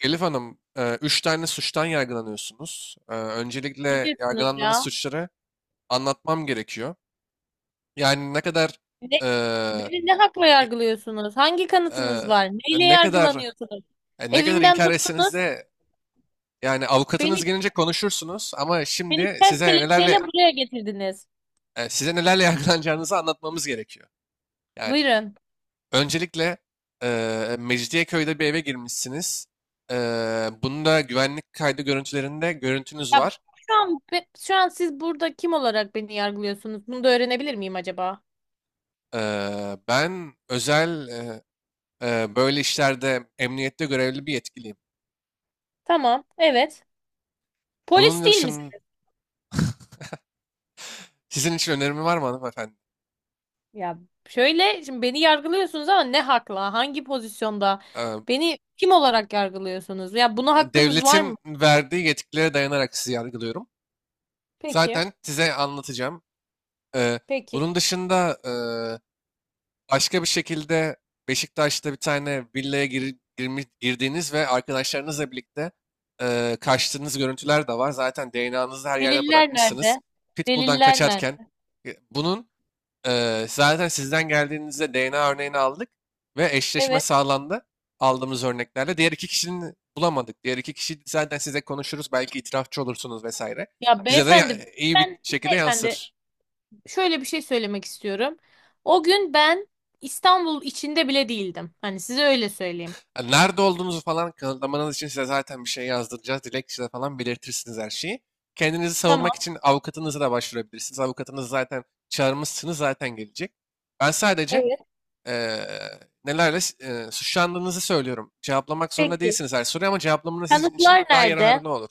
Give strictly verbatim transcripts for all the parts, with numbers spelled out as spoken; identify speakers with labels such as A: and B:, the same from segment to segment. A: Elif Hanım, e, üç tane suçtan yargılanıyorsunuz. E,
B: Ne
A: Öncelikle
B: diyorsunuz
A: yargılandığınız
B: ya?
A: suçları anlatmam gerekiyor. Yani ne kadar
B: Ne,
A: e,
B: beni ne hakla
A: i-
B: yargılıyorsunuz? Hangi kanıtınız
A: e,
B: var? Neyle
A: ne kadar
B: yargılanıyorsunuz?
A: e, ne kadar
B: Evimden
A: inkar etseniz
B: tuttunuz,
A: de yani avukatınız
B: beni
A: gelince konuşursunuz ama
B: beni
A: şimdi
B: ters
A: size
B: kelepçeyle
A: nelerle
B: buraya getirdiniz.
A: e, size nelerle yargılanacağınızı anlatmamız gerekiyor. Yani
B: Buyurun.
A: öncelikle e, Mecidiyeköy'de bir eve girmişsiniz. E, Bunda güvenlik kaydı görüntülerinde görüntünüz
B: Ya
A: var.
B: şu an be- şu an siz burada kim olarak beni yargılıyorsunuz? Bunu da öğrenebilir miyim acaba?
A: Eee, ben özel eee, eee, böyle işlerde emniyette görevli bir yetkiliyim.
B: Tamam, evet. Polis
A: Bunun
B: değil
A: için
B: misiniz?
A: sizin için önerimi var mı hanımefendi?
B: Ya şöyle şimdi beni yargılıyorsunuz ama ne hakla? Hangi pozisyonda?
A: Eee,
B: Beni kim olarak yargılıyorsunuz? Ya buna hakkınız var mı?
A: Devletin verdiği yetkilere dayanarak sizi yargılıyorum.
B: Peki.
A: Zaten size anlatacağım. Eee,
B: Peki.
A: Bunun dışında eee, başka bir şekilde Beşiktaş'ta bir tane villaya gir- girmiş- girdiğiniz ve arkadaşlarınızla birlikte eee, kaçtığınız görüntüler de var. Zaten D N A'nızı her yerde
B: Deliller
A: bırakmışsınız.
B: nerede?
A: Pitbull'dan
B: Deliller
A: kaçarken.
B: nerede?
A: E, Bunun Ee, zaten sizden geldiğinizde D N A örneğini aldık ve eşleşme
B: Evet.
A: sağlandı aldığımız örneklerle. Diğer iki kişinin bulamadık. Diğer iki kişi zaten size konuşuruz. Belki itirafçı olursunuz vesaire.
B: Ya
A: Size de ya-
B: beyefendi,
A: iyi bir
B: ben
A: şekilde
B: beyefendi
A: yansır.
B: şöyle bir şey söylemek istiyorum. O gün ben İstanbul içinde bile değildim. Hani size öyle söyleyeyim.
A: Yani nerede olduğunuzu falan kanıtlamanız için size zaten bir şey yazdıracağız. Dilekçede falan belirtirsiniz her şeyi. Kendinizi savunmak
B: Tamam.
A: için avukatınızı da başvurabilirsiniz. Avukatınızı zaten çağırmışsınız zaten gelecek. Ben sadece
B: Evet.
A: eee, nelerle eee, suçlandığınızı söylüyorum. Cevaplamak zorunda
B: Peki.
A: değilsiniz her soruyu ama cevaplamanız sizin için
B: Kanıtlar
A: daha
B: nerede?
A: yararlı olur.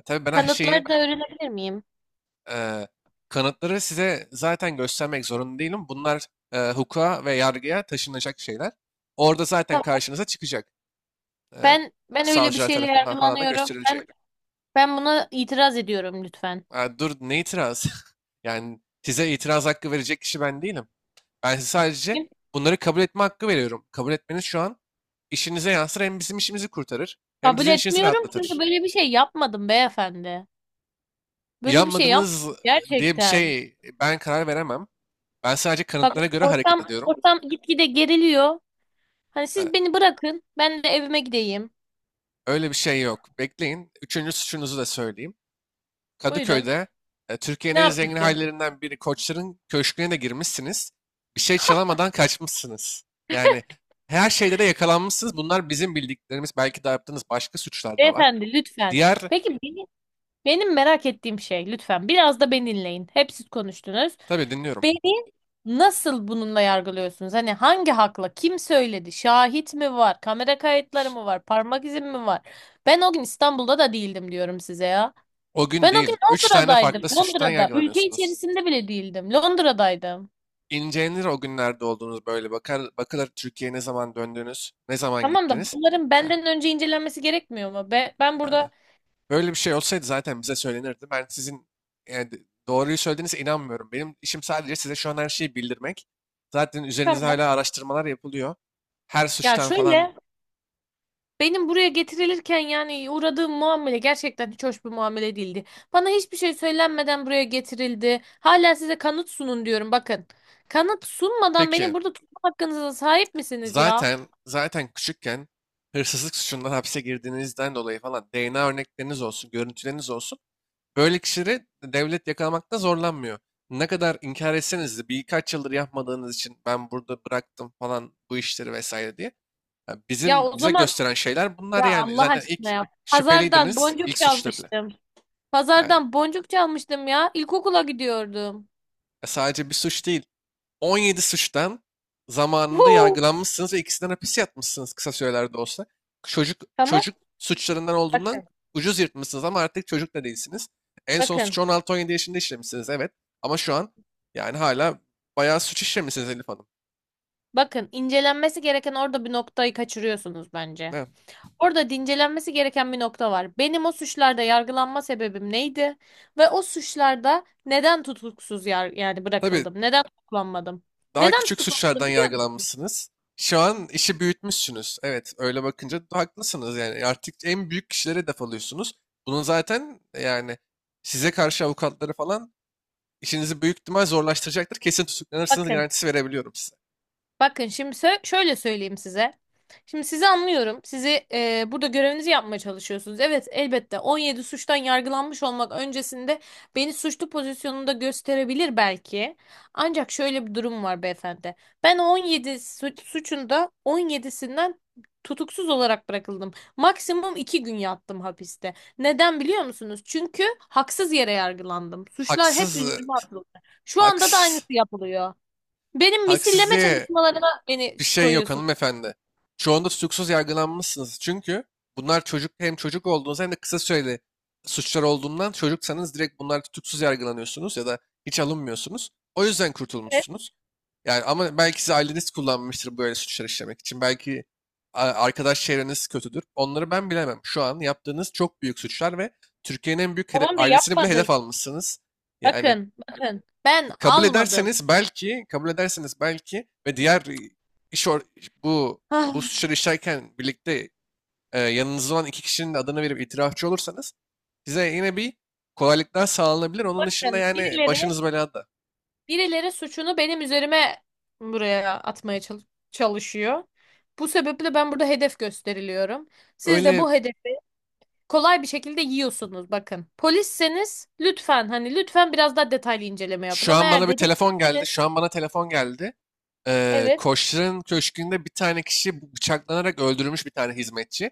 A: E, tabii ben her şeyi
B: Kanıtları da öğrenebilir miyim?
A: eee, kanıtları size zaten göstermek zorunda değilim. Bunlar eee, hukuka ve yargıya taşınacak şeyler. Orada zaten
B: Tamam.
A: karşınıza çıkacak. Eee,
B: Ben ben öyle bir
A: Savcılar
B: şeyle
A: tarafından falan da
B: yargılanıyorum.
A: gösterilecek.
B: Ben ben buna itiraz ediyorum lütfen.
A: Ha, dur ne itiraz? Yani size itiraz hakkı verecek kişi ben değilim. Ben size sadece bunları kabul etme hakkı veriyorum. Kabul etmeniz şu an işinize yansır, hem bizim işimizi kurtarır hem
B: Kabul
A: sizin işinizi
B: etmiyorum çünkü
A: rahatlatır.
B: böyle bir şey yapmadım beyefendi. Böyle bir şey
A: Yanmadınız
B: yapmadım
A: diye bir
B: gerçekten.
A: şey ben karar veremem. Ben sadece kanıtlara göre hareket
B: Ortam
A: ediyorum.
B: ortam gitgide geriliyor. Hani
A: Ee,
B: siz beni bırakın, ben de evime gideyim.
A: Öyle bir şey yok. Bekleyin. Üçüncü suçunuzu da söyleyeyim.
B: Buyurun.
A: Kadıköy'de e,
B: Ne
A: Türkiye'nin en zengin
B: yapayım
A: hallerinden biri Koçların Köşkü'ne de girmişsiniz. Bir şey çalamadan kaçmışsınız. Yani her şeyde de yakalanmışsınız. Bunlar bizim bildiklerimiz. Belki de yaptığınız başka suçlar da var.
B: beyefendi lütfen.
A: Diğer
B: Peki beni, benim merak ettiğim şey lütfen biraz da beni dinleyin. Hep siz konuştunuz.
A: Tabii dinliyorum.
B: Beni nasıl bununla yargılıyorsunuz? Hani hangi hakla? Kim söyledi? Şahit mi var? Kamera kayıtları mı var? Parmak izim mi var? Ben o gün İstanbul'da da değildim diyorum size ya.
A: O gün
B: Ben o gün
A: değil. Üç tane
B: Londra'daydım.
A: farklı suçtan
B: Londra'da. Ülke
A: yargılanıyorsunuz.
B: içerisinde bile değildim. Londra'daydım.
A: İncelenir o günlerde olduğunuz böyle. Bakar, bakılır Türkiye'ye ne zaman döndünüz, ne zaman
B: Tamam da
A: gittiniz.
B: bunların
A: Ya,
B: benden önce incelenmesi gerekmiyor mu? Be, ben
A: e,
B: burada
A: Böyle bir şey olsaydı zaten bize söylenirdi. Ben sizin e, d- doğruyu söylediğinize inanmıyorum. Benim işim sadece size şu an her şeyi bildirmek. Zaten üzerinizde
B: tamam.
A: hala araştırmalar yapılıyor. Her
B: Ya
A: suçtan
B: şöyle
A: falan.
B: benim buraya getirilirken yani uğradığım muamele gerçekten hiç hoş bir muamele değildi. Bana hiçbir şey söylenmeden buraya getirildi. Hala size kanıt sunun diyorum bakın. Kanıt sunmadan
A: Peki,
B: beni burada tutma hakkınıza sahip misiniz ya?
A: zaten zaten küçükken hırsızlık suçundan hapse girdiğinizden dolayı falan D N A örnekleriniz olsun, görüntüleriniz olsun. Böyle kişileri devlet yakalamakta zorlanmıyor. Ne kadar inkar etseniz de birkaç yıldır yapmadığınız için ben burada bıraktım falan bu işleri vesaire diye. Ya
B: Ya
A: bizim
B: o
A: bize
B: zaman
A: gösteren şeyler bunlar
B: ya
A: yani.
B: Allah
A: Zaten ilk
B: aşkına ya. Pazardan
A: şüpheliydiniz ilk
B: boncuk
A: suçta bile
B: çalmıştım.
A: yani.
B: Pazardan boncuk çalmıştım ya. İlkokula gidiyordum.
A: Ya sadece bir suç değil. on yedi suçtan zamanında
B: Huu.
A: yargılanmışsınız ve ikisinden hapis yatmışsınız kısa sürelerde olsa. Çocuk
B: Tamam
A: çocuk suçlarından olduğundan
B: bakın
A: ucuz yırtmışsınız ama artık çocuk da değilsiniz. En son
B: bakın.
A: suçu on altı on yedi yaşında işlemişsiniz, evet. Ama şu an yani hala bayağı suç işlemişsiniz Elif Hanım.
B: Bakın incelenmesi gereken orada bir noktayı kaçırıyorsunuz bence.
A: Evet.
B: Orada da incelenmesi gereken bir nokta var. Benim o suçlarda yargılanma sebebim neydi? Ve o suçlarda neden tutuksuz yar yani
A: Tabii
B: bırakıldım? Neden tutuklanmadım?
A: daha
B: Neden
A: küçük
B: tutuklanmadım
A: suçlardan
B: biliyor musunuz?
A: yargılanmışsınız. Şu an işi büyütmüşsünüz. Evet öyle bakınca haklısınız yani. Artık en büyük kişilere hedef alıyorsunuz. Bunun zaten yani size karşı avukatları falan işinizi büyük ihtimal zorlaştıracaktır. Kesin tutuklanırsınız
B: Bakın.
A: garantisi verebiliyorum size.
B: Bakın şimdi sö- şöyle söyleyeyim size. Şimdi sizi anlıyorum. Sizi e, burada görevinizi yapmaya çalışıyorsunuz. Evet, elbette on yedi suçtan yargılanmış olmak öncesinde beni suçlu pozisyonunda gösterebilir belki. Ancak şöyle bir durum var beyefendi. Ben o on yedi su- suçunda on yedisinden tutuksuz olarak bırakıldım. Maksimum iki gün yattım hapiste. Neden biliyor musunuz? Çünkü haksız yere yargılandım. Suçlar hep
A: Haksız, e,
B: üzerime atıldı. Şu anda da aynısı
A: haksız,
B: yapılıyor. Benim
A: Haksız
B: misilleme
A: diye
B: çalışmalarıma beni
A: bir şey yok
B: koyuyorsunuz.
A: hanımefendi. Çoğunda tutuksuz yargılanmışsınız. Çünkü bunlar çocuk, hem çocuk olduğunuz hem de kısa süreli suçlar olduğundan, çocuksanız direkt bunlar tutuksuz yargılanıyorsunuz ya da hiç alınmıyorsunuz. O yüzden
B: Evet,
A: kurtulmuşsunuz. Yani ama belki siz aileniz kullanmıştır böyle suçlar işlemek için. Belki a- arkadaş çevreniz kötüdür. Onları ben bilemem. Şu an yaptığınız çok büyük suçlar ve Türkiye'nin en büyük hede-
B: tamam da
A: ailesini bile
B: yapmadım.
A: hedef almışsınız. Yani
B: Bakın, bakın. Ben
A: kabul
B: almadım.
A: ederseniz belki, kabul ederseniz belki ve diğer e, iş or- bu bu
B: Ah,
A: suçları işlerken birlikte e, yanınızda olan iki kişinin de adını verip itirafçı olursanız size yine bir kolaylıklar sağlanabilir. Onun dışında
B: bakın
A: yani
B: birileri
A: başınız belada.
B: birileri suçunu benim üzerime buraya atmaya çal- çalışıyor. Bu sebeple ben burada hedef gösteriliyorum. Siz de
A: Öyle
B: bu hedefi kolay bir şekilde yiyorsunuz bakın. Polisseniz lütfen hani lütfen biraz daha detaylı inceleme yapın
A: şu
B: ama
A: an
B: eğer
A: bana bir telefon geldi.
B: dedektifseniz
A: Şu an bana telefon geldi. Ee,
B: evet,
A: Koçların köşkünde bir tane kişi bu- bıçaklanarak öldürülmüş bir tane hizmetçi.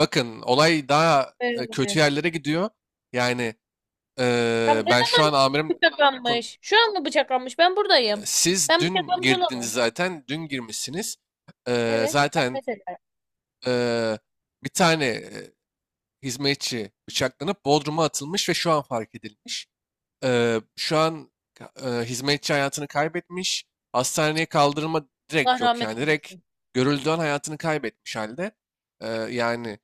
A: Bakın olay daha e, kötü
B: evet.
A: yerlere gidiyor. Yani
B: Tam
A: e,
B: ne
A: ben şu
B: zaman
A: an amirim kon-
B: bıçaklanmış? Şu an mı bıçaklanmış? Ben
A: e,
B: buradayım.
A: siz
B: Ben
A: dün
B: bıçaklanmış
A: girdiniz
B: olamam.
A: zaten dün girmişsiniz. Ee,
B: Evet. Ben
A: zaten
B: mesela. Ederim.
A: e, bir tane e, hizmetçi bıçaklanıp Bodrum'a atılmış ve şu an fark edilmiş. Eee, şu an ka- hizmetçi hayatını kaybetmiş. Hastaneye kaldırma direkt
B: Allah
A: yok
B: rahmet
A: yani. Direkt
B: eylesin.
A: görüldüğü an hayatını kaybetmiş halde. Eee, yani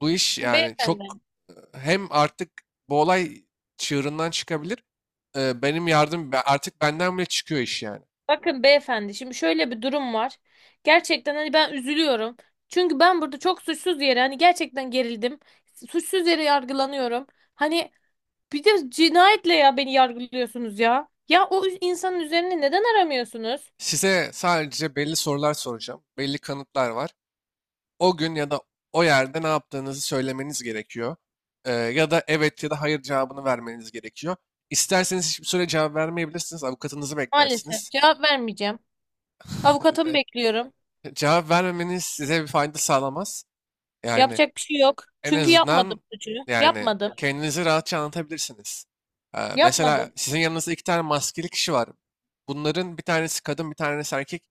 A: bu iş
B: Şimdi
A: yani
B: beyefendi.
A: çok e, hem artık bu olay çığırından çıkabilir, e, benim yardım be- artık benden bile çıkıyor iş yani.
B: Bakın beyefendi. Şimdi şöyle bir durum var. Gerçekten hani ben üzülüyorum. Çünkü ben burada çok suçsuz yere hani gerçekten gerildim. Suçsuz yere yargılanıyorum. Hani bir de cinayetle ya beni yargılıyorsunuz ya. Ya o insanın üzerine neden aramıyorsunuz?
A: Size sadece belli sorular soracağım. Belli kanıtlar var. O gün ya da o yerde ne yaptığınızı söylemeniz gerekiyor. Ee, ya da evet ya da hayır cevabını vermeniz gerekiyor. İsterseniz hiçbir süre cevap vermeyebilirsiniz. Avukatınızı
B: Maalesef
A: beklersiniz.
B: cevap vermeyeceğim. Avukatımı bekliyorum.
A: Cevap vermemeniz size bir fayda sağlamaz. Yani
B: Yapacak bir şey yok.
A: en
B: Çünkü yapmadım
A: azından
B: suçu.
A: yani
B: Yapmadım.
A: kendinizi rahatça anlatabilirsiniz. Ee, mesela
B: Yapmadım.
A: sizin yanınızda iki tane maskeli kişi var. Bunların bir tanesi kadın, bir tanesi erkek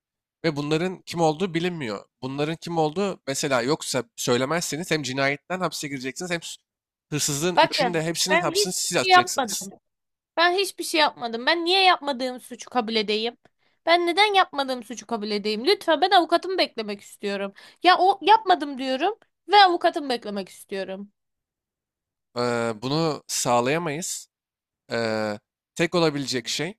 A: ve bunların kim olduğu bilinmiyor. Bunların kim olduğu mesela yoksa söylemezseniz hem cinayetten hapse gireceksiniz hem s- hırsızlığın üçünü
B: Bakın,
A: de hepsinin
B: ben
A: hapsini
B: hiçbir
A: siz
B: şey
A: atacaksınız.
B: yapmadım. Ben hiçbir şey yapmadım. Ben niye yapmadığım suçu kabul edeyim? Ben neden yapmadığım suçu kabul edeyim? Lütfen ben avukatımı beklemek istiyorum. Ya o yapmadım diyorum ve avukatımı beklemek istiyorum.
A: Ee, bunu sağlayamayız. Ee, Tek olabilecek şey.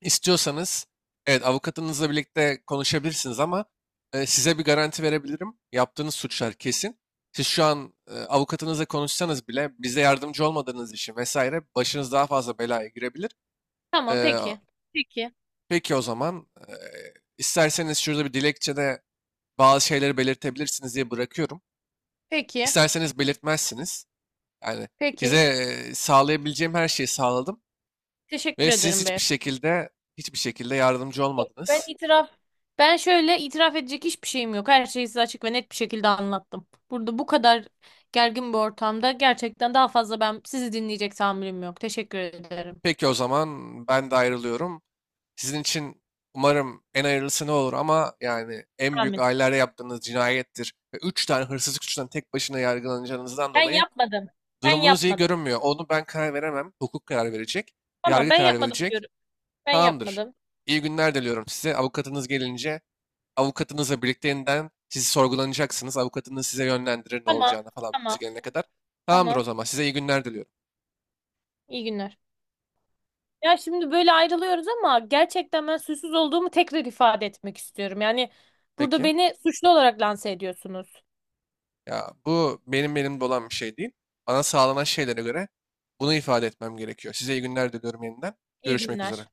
A: İstiyorsanız evet avukatınızla birlikte konuşabilirsiniz ama e, size bir garanti verebilirim. Yaptığınız suçlar kesin. Siz şu an e, avukatınızla konuşsanız bile bize yardımcı olmadığınız için vesaire başınız daha fazla belaya girebilir.
B: Tamam,
A: E,
B: peki. Peki.
A: peki o zaman e, isterseniz şurada bir dilekçede bazı şeyleri belirtebilirsiniz diye bırakıyorum.
B: Peki.
A: İsterseniz belirtmezsiniz. Yani size
B: Peki.
A: e, sağlayabileceğim her şeyi sağladım
B: Teşekkür
A: ve siz
B: ederim
A: hiçbir
B: beyefendi.
A: şekilde hiçbir şekilde yardımcı
B: Ben
A: olmadınız.
B: itiraf ben şöyle itiraf edecek hiçbir şeyim yok. Her şeyi size açık ve net bir şekilde anlattım. Burada bu kadar gergin bir ortamda gerçekten daha fazla ben sizi dinleyecek tahammülüm yok. Teşekkür ederim.
A: Peki o zaman ben de ayrılıyorum. Sizin için umarım en hayırlısı ne olur ama yani en büyük
B: Amin.
A: ailelerde yaptığınız cinayettir. Ve üç tane hırsızlık suçundan tek başına yargılanacağınızdan
B: Ben
A: dolayı
B: yapmadım. Ben
A: durumunuz iyi
B: yapmadım.
A: görünmüyor. Onu ben karar veremem. Hukuk karar verecek.
B: Tamam,
A: Yargı
B: ben
A: karar
B: yapmadım
A: verecek.
B: diyorum. Ben
A: Tamamdır.
B: yapmadım.
A: İyi günler diliyorum size. Avukatınız gelince avukatınızla birlikte yeniden siz sorgulanacaksınız. Avukatınız size yönlendirir ne
B: Tamam.
A: olacağını falan
B: Tamam.
A: biz gelene kadar. Tamamdır o
B: Tamam.
A: zaman. Size iyi günler diliyorum.
B: İyi günler. Ya şimdi böyle ayrılıyoruz ama gerçekten ben suçsuz olduğumu tekrar ifade etmek istiyorum. Yani burada
A: Peki.
B: beni suçlu olarak lanse ediyorsunuz.
A: Ya bu benim elimde olan bir şey değil. Bana sağlanan şeylere göre bunu ifade etmem gerekiyor. Size iyi günler diliyorum yeniden.
B: İyi
A: Görüşmek
B: günler.
A: üzere.
B: Peki.